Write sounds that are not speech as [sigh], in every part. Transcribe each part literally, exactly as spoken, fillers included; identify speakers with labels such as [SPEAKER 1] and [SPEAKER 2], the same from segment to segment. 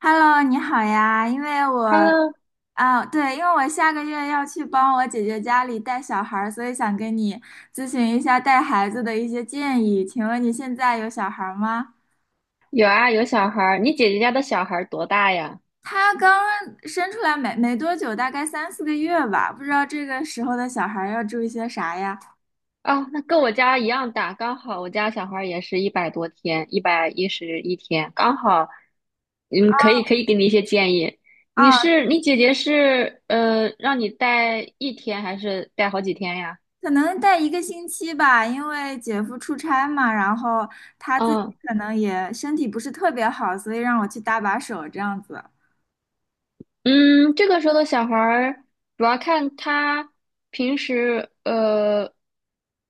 [SPEAKER 1] Hello，你好呀，因为我
[SPEAKER 2] Hello，
[SPEAKER 1] 啊，对，因为我下个月要去帮我姐姐家里带小孩儿，所以想跟你咨询一下带孩子的一些建议。请问你现在有小孩儿吗？
[SPEAKER 2] 有啊，有小孩儿。你姐姐家的小孩儿多大呀？
[SPEAKER 1] 他刚生出来没没多久，大概三四个月吧，不知道这个时候的小孩儿要注意些啥呀？
[SPEAKER 2] 哦，那跟我家一样大，刚好我家小孩儿也是一百多天，一百一十一天，刚好。嗯，可以。可以给你一些建议。你
[SPEAKER 1] 啊，
[SPEAKER 2] 是你姐姐是呃，让你带一天还是带好几天呀？
[SPEAKER 1] 可能带一个星期吧，因为姐夫出差嘛，然后他自己
[SPEAKER 2] 嗯。
[SPEAKER 1] 可能也身体不是特别好，所以让我去搭把手这样子。
[SPEAKER 2] 嗯，这个时候的小孩儿主要看他平时呃，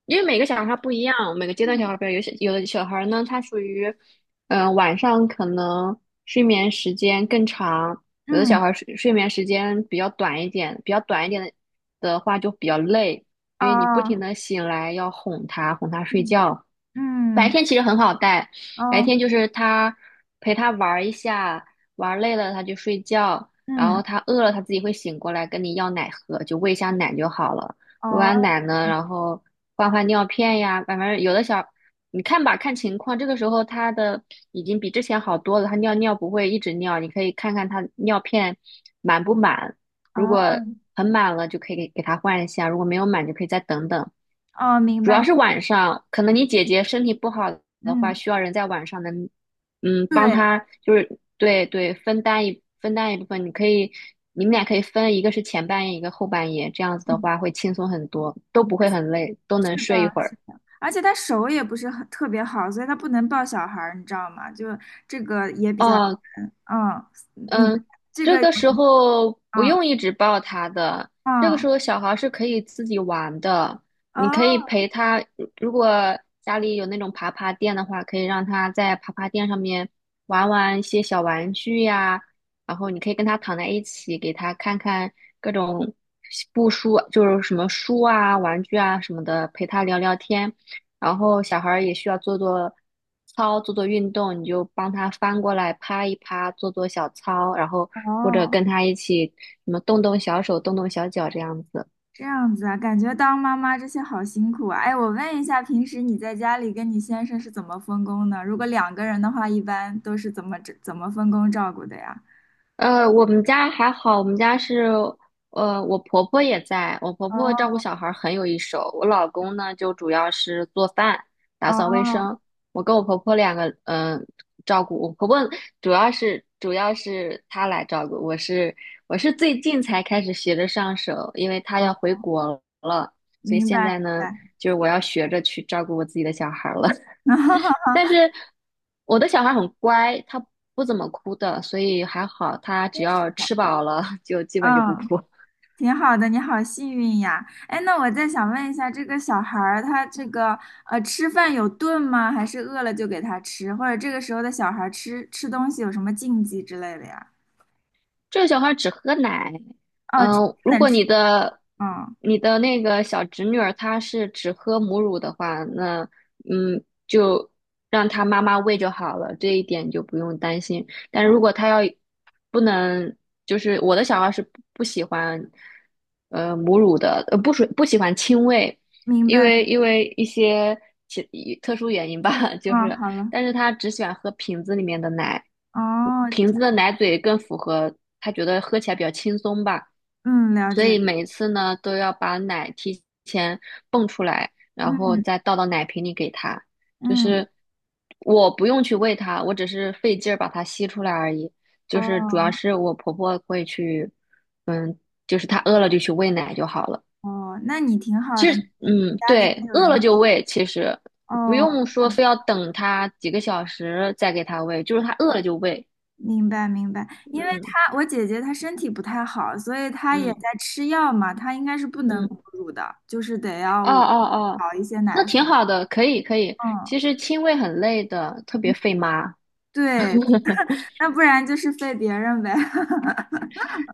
[SPEAKER 2] 因为每个小孩儿他不一样，每个阶段小
[SPEAKER 1] 嗯
[SPEAKER 2] 孩儿不一样，有些有的小孩儿呢，他属于嗯、呃晚上可能睡眠时间更长，有的小
[SPEAKER 1] 嗯，
[SPEAKER 2] 孩儿睡睡眠时间比较短一点，比较短一点的的话就比较累，因为你不停
[SPEAKER 1] 哦。
[SPEAKER 2] 的醒来要哄他哄他睡
[SPEAKER 1] 嗯
[SPEAKER 2] 觉。白
[SPEAKER 1] 嗯，
[SPEAKER 2] 天其实很好带，
[SPEAKER 1] 哦，
[SPEAKER 2] 白天就是他陪他玩儿一下，玩儿累了他就睡觉。然后
[SPEAKER 1] 嗯，
[SPEAKER 2] 它饿了，它自己会醒过来跟你要奶喝，就喂一下奶就好了。喂完
[SPEAKER 1] 哦，
[SPEAKER 2] 奶呢，然后换换尿片呀，反正有的小，你看吧，看情况。这个时候它的已经比之前好多了，它尿尿不会一直尿，你可以看看它尿片满不满。如
[SPEAKER 1] 哦，
[SPEAKER 2] 果很满了，就可以给给它换一下；如果没有满，就可以再等等。
[SPEAKER 1] 哦，明
[SPEAKER 2] 主要
[SPEAKER 1] 白，
[SPEAKER 2] 是晚上，可能你姐姐身体不好的话，
[SPEAKER 1] 嗯，
[SPEAKER 2] 需要人在晚上能，嗯，帮
[SPEAKER 1] 对，
[SPEAKER 2] 她，就是对对，分担一分担一部分，你可以，你们俩可以分，一个是前半夜，一个后半夜，这样子的
[SPEAKER 1] 嗯，
[SPEAKER 2] 话会轻松很多，都不会很累，都
[SPEAKER 1] 是
[SPEAKER 2] 能
[SPEAKER 1] 的，
[SPEAKER 2] 睡一会
[SPEAKER 1] 是
[SPEAKER 2] 儿。
[SPEAKER 1] 的，而且他手也不是很特别好，所以他不能抱小孩儿，你知道吗？就这个也比较
[SPEAKER 2] 哦，
[SPEAKER 1] 难，嗯，你
[SPEAKER 2] 嗯，
[SPEAKER 1] 这
[SPEAKER 2] 这
[SPEAKER 1] 个有，
[SPEAKER 2] 个时候不用
[SPEAKER 1] 嗯
[SPEAKER 2] 一直抱他的，这个时
[SPEAKER 1] 嗯，
[SPEAKER 2] 候小孩是可以自己玩的，
[SPEAKER 1] 哦
[SPEAKER 2] 你可以陪他。如果家里有那种爬爬垫的话，可以让他在爬爬垫上面玩玩一些小玩具呀，然后你可以跟他躺在一起，给他看看各种布书，就是什么书啊、玩具啊什么的，陪他聊聊天。然后小孩儿也需要做做操、做做运动，你就帮他翻过来趴一趴，做做小操，然后或者
[SPEAKER 1] 哦，
[SPEAKER 2] 跟他一起什么动动小手、动动小脚这样子。
[SPEAKER 1] 这样子啊，感觉当妈妈这些好辛苦啊。哎，我问一下，平时你在家里跟你先生是怎么分工的？如果两个人的话，一般都是怎么怎么分工照顾的呀？
[SPEAKER 2] 呃，我们家还好，我们家是，呃，我婆婆也在，我婆婆照顾
[SPEAKER 1] 哦。
[SPEAKER 2] 小孩儿很有一手，我老公呢就主要是做饭、打扫卫
[SPEAKER 1] 哦，
[SPEAKER 2] 生，我跟我婆婆两个，嗯、照顾我婆婆主要是主要是她来照顾，我是我是最近才开始学着上手，因为她要
[SPEAKER 1] 哦，
[SPEAKER 2] 回国了，所以
[SPEAKER 1] 明
[SPEAKER 2] 现
[SPEAKER 1] 白明
[SPEAKER 2] 在呢，
[SPEAKER 1] 白，
[SPEAKER 2] 就是我要学着去照顾我自己的小孩儿了。
[SPEAKER 1] [laughs]
[SPEAKER 2] 但是我的小孩很乖，他不怎么哭的，所以还好，他只
[SPEAKER 1] 真是
[SPEAKER 2] 要
[SPEAKER 1] 小
[SPEAKER 2] 吃饱
[SPEAKER 1] 宝，
[SPEAKER 2] 了就基本就不
[SPEAKER 1] 嗯，
[SPEAKER 2] 哭。
[SPEAKER 1] 挺好的，你好幸运呀。哎，那我再想问一下，这个小孩儿他这个呃吃饭有顿吗？还是饿了就给他吃？或者这个时候的小孩儿吃吃东西有什么禁忌之类的呀？
[SPEAKER 2] 这个小孩只喝奶。
[SPEAKER 1] 哦，只
[SPEAKER 2] 嗯、如
[SPEAKER 1] 能
[SPEAKER 2] 果
[SPEAKER 1] 吃，
[SPEAKER 2] 你的
[SPEAKER 1] 嗯
[SPEAKER 2] 你的那个小侄女儿她是只喝母乳的话，那嗯，就让她妈妈喂就好了，这一点就不用担心。但
[SPEAKER 1] 哦，
[SPEAKER 2] 如果她要不能，就是我的小孩是不不喜欢呃母乳的，呃不属不喜欢亲喂，
[SPEAKER 1] 明
[SPEAKER 2] 因
[SPEAKER 1] 白，
[SPEAKER 2] 为因为一些其特殊原因吧，[laughs] 就
[SPEAKER 1] 嗯，
[SPEAKER 2] 是
[SPEAKER 1] 好了，
[SPEAKER 2] 但是他只喜欢喝瓶子里面的奶，
[SPEAKER 1] 哦，
[SPEAKER 2] 瓶
[SPEAKER 1] 这
[SPEAKER 2] 子的奶嘴更符合他觉得喝起来比较轻松吧，
[SPEAKER 1] 嗯，了
[SPEAKER 2] 所
[SPEAKER 1] 解
[SPEAKER 2] 以
[SPEAKER 1] 了，
[SPEAKER 2] 每一次呢都要把奶提前泵出来，然后
[SPEAKER 1] 嗯
[SPEAKER 2] 再倒到奶瓶里给他，就
[SPEAKER 1] 嗯，
[SPEAKER 2] 是我不用去喂它，我只是费劲儿把它吸出来而已，就是主要
[SPEAKER 1] 哦
[SPEAKER 2] 是我婆婆会去，嗯，就是她饿了就去喂奶就好了。
[SPEAKER 1] 哦，那你挺好
[SPEAKER 2] 其
[SPEAKER 1] 的，
[SPEAKER 2] 实，
[SPEAKER 1] 你
[SPEAKER 2] 嗯，
[SPEAKER 1] 家里还
[SPEAKER 2] 对，
[SPEAKER 1] 有
[SPEAKER 2] 饿了
[SPEAKER 1] 人
[SPEAKER 2] 就
[SPEAKER 1] 帮，
[SPEAKER 2] 喂，其实不
[SPEAKER 1] 哦。
[SPEAKER 2] 用说非要等他几个小时再给他喂，就是他饿了就喂。
[SPEAKER 1] 明白明白，因为
[SPEAKER 2] 嗯
[SPEAKER 1] 她我姐姐她身体不太好，所以她也在
[SPEAKER 2] 嗯
[SPEAKER 1] 吃药嘛，她应该是不能母
[SPEAKER 2] 嗯，
[SPEAKER 1] 乳的，就是得要
[SPEAKER 2] 哦
[SPEAKER 1] 我
[SPEAKER 2] 哦哦，
[SPEAKER 1] 搞一些
[SPEAKER 2] 那
[SPEAKER 1] 奶
[SPEAKER 2] 挺
[SPEAKER 1] 粉。
[SPEAKER 2] 好的，可以可以。
[SPEAKER 1] 嗯，
[SPEAKER 2] 其实亲喂很累的，特别费妈。
[SPEAKER 1] 对，那不然就是费别人呗。[laughs]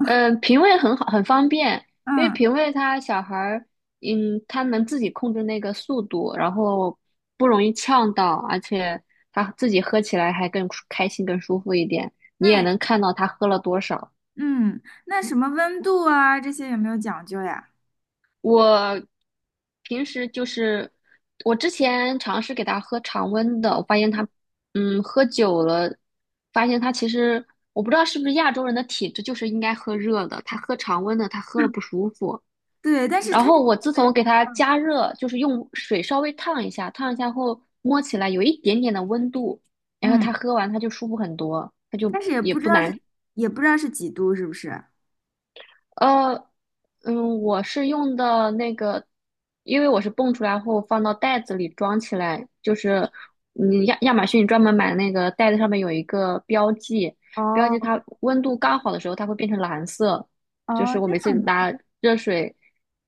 [SPEAKER 2] 嗯、呃，平喂很好，很方便，因为
[SPEAKER 1] 嗯，
[SPEAKER 2] 平喂他小孩儿，嗯，他能自己控制那个速度，然后不容易呛到，而且他自己喝起来还更舒开心、更舒服一点。你
[SPEAKER 1] 那
[SPEAKER 2] 也
[SPEAKER 1] 也
[SPEAKER 2] 能看到他喝了多少。
[SPEAKER 1] 嗯，那什么温度啊这些有没有讲究呀？
[SPEAKER 2] 我平时就是我之前尝试给他喝常温的，我发现他，嗯，喝久了，发现他其实我不知道是不是亚洲人的体质就是应该喝热的，他喝常温的，他喝了不舒服。
[SPEAKER 1] 对，但是
[SPEAKER 2] 然
[SPEAKER 1] 她
[SPEAKER 2] 后我自从给他加热，就是用水稍微烫一下，烫一下后摸起来有一点点的温度，然后
[SPEAKER 1] 嗯，嗯
[SPEAKER 2] 他喝完他就舒服很多，他
[SPEAKER 1] 但
[SPEAKER 2] 就
[SPEAKER 1] 是也
[SPEAKER 2] 也
[SPEAKER 1] 不知
[SPEAKER 2] 不
[SPEAKER 1] 道是
[SPEAKER 2] 难，
[SPEAKER 1] 也不知道是几度是不是？
[SPEAKER 2] 呃，嗯，我是用的那个，因为我是蹦出来后放到袋子里装起来，就是嗯亚亚马逊专门买那个袋子上面有一个标记，标记
[SPEAKER 1] 哦
[SPEAKER 2] 它温度刚好的时候它会变成蓝色，
[SPEAKER 1] 哦，
[SPEAKER 2] 就是我
[SPEAKER 1] 这
[SPEAKER 2] 每次
[SPEAKER 1] 样的，
[SPEAKER 2] 拿热水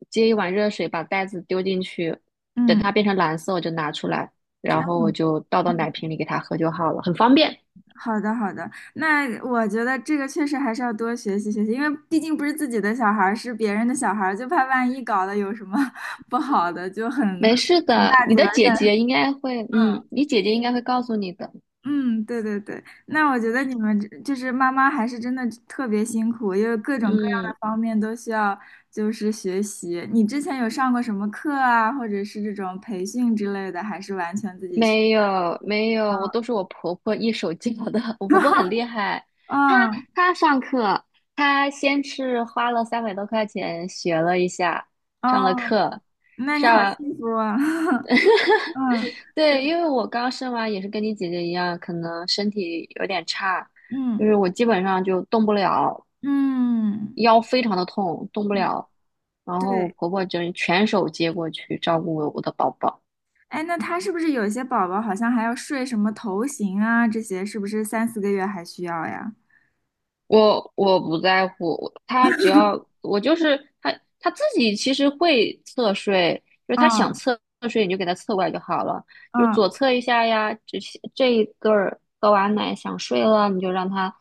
[SPEAKER 2] 接一碗热水把袋子丢进去，等
[SPEAKER 1] 嗯，
[SPEAKER 2] 它变成蓝色我就拿出来，
[SPEAKER 1] 这
[SPEAKER 2] 然
[SPEAKER 1] 样
[SPEAKER 2] 后我就倒到奶
[SPEAKER 1] 的。
[SPEAKER 2] 瓶里给它喝就好了，很方便。
[SPEAKER 1] 好的，好的，那我觉得这个确实还是要多学习学习，因为毕竟不是自己的小孩儿，是别人的小孩儿，就怕万一搞得有什么 [laughs] 不好的，就很
[SPEAKER 2] 没
[SPEAKER 1] 很
[SPEAKER 2] 事的，
[SPEAKER 1] 大
[SPEAKER 2] 你
[SPEAKER 1] 责
[SPEAKER 2] 的
[SPEAKER 1] 任。
[SPEAKER 2] 姐姐应该会，嗯，你姐姐应该会告诉你的，
[SPEAKER 1] 嗯，对对对，那我觉得你们这就是妈妈还是真的特别辛苦，因为各种各样
[SPEAKER 2] 嗯。
[SPEAKER 1] 的方面都需要就是学习。你之前有上过什么课啊，或者是这种培训之类的，还是完全自己学？
[SPEAKER 2] 没有没有，我都是我婆婆一手教的。[laughs] 我婆婆很
[SPEAKER 1] [laughs]
[SPEAKER 2] 厉害，她
[SPEAKER 1] 嗯，
[SPEAKER 2] 她上课，她先是花了三百多块钱学了一下，上了
[SPEAKER 1] 哦，
[SPEAKER 2] 课，
[SPEAKER 1] 那你好
[SPEAKER 2] 上，
[SPEAKER 1] 幸福啊！[laughs] 嗯，对，
[SPEAKER 2] 对，因为我刚生完也是跟你姐姐一样，可能身体有点差，就
[SPEAKER 1] 嗯。
[SPEAKER 2] 是我基本上就动不了，
[SPEAKER 1] 嗯，
[SPEAKER 2] 腰非常的痛，动不
[SPEAKER 1] 嗯
[SPEAKER 2] 了。然后我
[SPEAKER 1] 对，
[SPEAKER 2] 婆婆就全手接过去照顾我的宝宝。
[SPEAKER 1] 哎，那他是不是有些宝宝好像还要睡什么头型啊？这些是不是三四个月还需要呀？
[SPEAKER 2] 我我不在乎，他只要我就是他他自己其实会侧睡，就是他想
[SPEAKER 1] 嗯
[SPEAKER 2] 侧睡你就给他侧过来就好了，就是
[SPEAKER 1] 嗯
[SPEAKER 2] 左侧一下呀，这些这一顿儿喝完奶想睡了，你就让他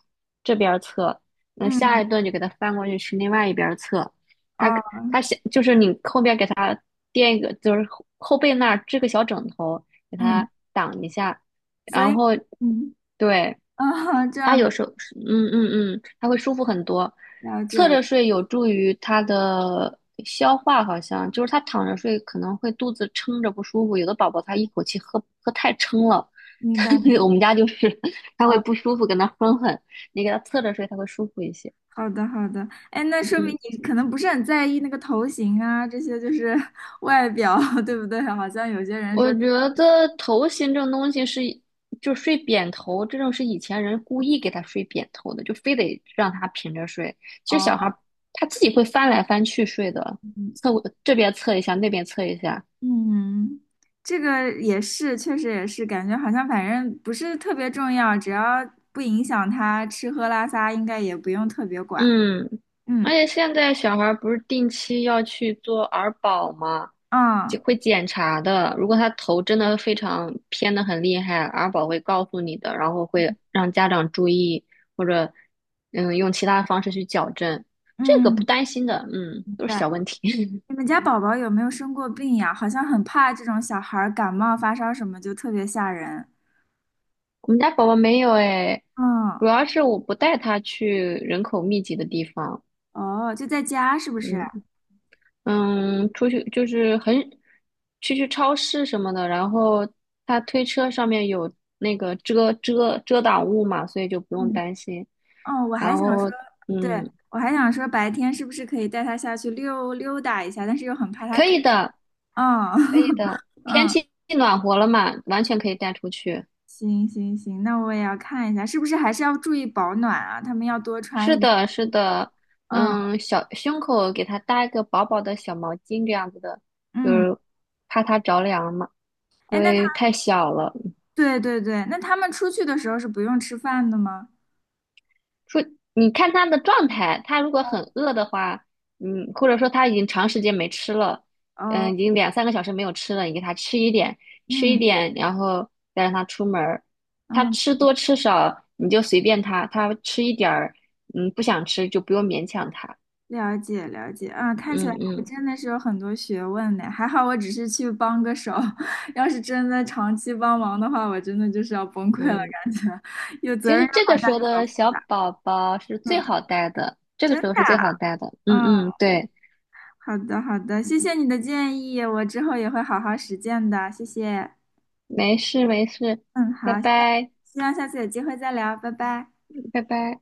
[SPEAKER 2] 这边儿侧，那
[SPEAKER 1] 嗯，
[SPEAKER 2] 下一顿就给他翻过去去另外一边儿侧，他
[SPEAKER 1] 哦，
[SPEAKER 2] 他想就是你后边给他垫一个，就是后后背那儿支个小枕头给
[SPEAKER 1] 嗯，
[SPEAKER 2] 他挡一下，
[SPEAKER 1] 所
[SPEAKER 2] 然
[SPEAKER 1] 以
[SPEAKER 2] 后。
[SPEAKER 1] 嗯
[SPEAKER 2] 对，
[SPEAKER 1] 啊，这
[SPEAKER 2] 他
[SPEAKER 1] 样
[SPEAKER 2] 有时候嗯嗯嗯，他会舒服很多。
[SPEAKER 1] 了
[SPEAKER 2] 侧
[SPEAKER 1] 解了，
[SPEAKER 2] 着睡有助于他的消化，好像就是他躺着睡可能会肚子撑着不舒服。有的宝宝他一口气喝喝太撑了，
[SPEAKER 1] 明白
[SPEAKER 2] [laughs]
[SPEAKER 1] 了，
[SPEAKER 2] 我们家就是 [laughs] 他会
[SPEAKER 1] 哦，
[SPEAKER 2] 不舒服，跟他哼哼。你给他侧着睡，他会舒服一些。
[SPEAKER 1] 好的好的，哎，那说明
[SPEAKER 2] 嗯。
[SPEAKER 1] 你可能不是很在意那个头型啊，这些就是 [laughs] 外表，对不对？好像有些人
[SPEAKER 2] 我
[SPEAKER 1] 说
[SPEAKER 2] 觉得头型这种东西是，就睡扁头这种是以前人故意给他睡扁头的，就非得让他平着睡。其实小孩
[SPEAKER 1] 哦。
[SPEAKER 2] 儿他自己会翻来翻去睡的，
[SPEAKER 1] 嗯
[SPEAKER 2] 侧这边侧一下，那边侧一下，
[SPEAKER 1] 嗯，这个也是，确实也是，感觉好像反正不是特别重要，只要不影响他吃喝拉撒，应该也不用特别管。
[SPEAKER 2] 嗯，而
[SPEAKER 1] 嗯，
[SPEAKER 2] 且现在小孩儿不是定期要去做儿保吗？
[SPEAKER 1] 啊，
[SPEAKER 2] 就会检查的。如果他头真的非常偏的很厉害，儿保会告诉你的，然后会让家长注意，或者嗯用其他方式去矫正。这个不
[SPEAKER 1] 嗯，
[SPEAKER 2] 担心的，嗯，都是
[SPEAKER 1] 对，
[SPEAKER 2] 小问题。
[SPEAKER 1] 你们家宝宝有没有生过病呀？好像很怕这种小孩儿感冒发烧什么，就特别吓人。
[SPEAKER 2] [laughs] 我们家宝宝没有哎，
[SPEAKER 1] 嗯，
[SPEAKER 2] 主要是我不带他去人口密集的地方，
[SPEAKER 1] 哦，就在家是不是？
[SPEAKER 2] 嗯。嗯，出去就是很去去超市什么的，然后他推车上面有那个遮遮遮挡物嘛，所以就不用
[SPEAKER 1] 嗯，
[SPEAKER 2] 担心。
[SPEAKER 1] 哦，我还
[SPEAKER 2] 然
[SPEAKER 1] 想说，
[SPEAKER 2] 后
[SPEAKER 1] 对，
[SPEAKER 2] 嗯，
[SPEAKER 1] 我还想说白天是不是可以带他下去溜溜达一下，但是又很怕他
[SPEAKER 2] 可
[SPEAKER 1] 感，
[SPEAKER 2] 以的，
[SPEAKER 1] 嗯，
[SPEAKER 2] 可以的，
[SPEAKER 1] [laughs]
[SPEAKER 2] 天
[SPEAKER 1] 嗯。
[SPEAKER 2] 气暖和了嘛，完全可以带出去。
[SPEAKER 1] 行行行，那我也要看一下，是不是还是要注意保暖啊？他们要多穿
[SPEAKER 2] 是
[SPEAKER 1] 一点。
[SPEAKER 2] 的，是的，
[SPEAKER 1] 嗯
[SPEAKER 2] 嗯，小胸口给它搭一个薄薄的小毛巾这样子的，就
[SPEAKER 1] 嗯，
[SPEAKER 2] 是怕它着凉嘛，因
[SPEAKER 1] 哎，那他，
[SPEAKER 2] 为太小了。
[SPEAKER 1] 对对对，那他们出去的时候是不用吃饭的吗？
[SPEAKER 2] 说你看他的状态，他如果很饿的话，嗯，或者说他已经长时间没吃了，
[SPEAKER 1] 哦，
[SPEAKER 2] 嗯，已经两三个小时没有吃了，你给他吃一点，吃一
[SPEAKER 1] 嗯
[SPEAKER 2] 点，然后再让他出门儿。他
[SPEAKER 1] 嗯，
[SPEAKER 2] 吃多吃少你就随便他，他吃一点儿，嗯，不想吃就不用勉强他。
[SPEAKER 1] 了解了解，啊，看起
[SPEAKER 2] 嗯
[SPEAKER 1] 来还
[SPEAKER 2] 嗯
[SPEAKER 1] 真的是有很多学问呢。还好我只是去帮个手，[laughs] 要是真的长期帮忙的话，我真的就是要崩溃了，
[SPEAKER 2] 嗯，
[SPEAKER 1] 感觉 [laughs] 有责
[SPEAKER 2] 其
[SPEAKER 1] 任
[SPEAKER 2] 实
[SPEAKER 1] 又
[SPEAKER 2] 这个
[SPEAKER 1] 好大
[SPEAKER 2] 时候
[SPEAKER 1] 又好
[SPEAKER 2] 的
[SPEAKER 1] 负
[SPEAKER 2] 小宝宝是最
[SPEAKER 1] 嗯，
[SPEAKER 2] 好带的，这个
[SPEAKER 1] 真
[SPEAKER 2] 时候
[SPEAKER 1] 的
[SPEAKER 2] 是最
[SPEAKER 1] 啊
[SPEAKER 2] 好带的。嗯
[SPEAKER 1] 嗯，
[SPEAKER 2] 嗯，对，
[SPEAKER 1] 好的好的，谢谢你的建议，我之后也会好好实践的，谢谢。
[SPEAKER 2] 没事没事，
[SPEAKER 1] 嗯，
[SPEAKER 2] 拜
[SPEAKER 1] 好，希望
[SPEAKER 2] 拜，
[SPEAKER 1] 希望下次有机会再聊，拜拜。
[SPEAKER 2] 拜拜。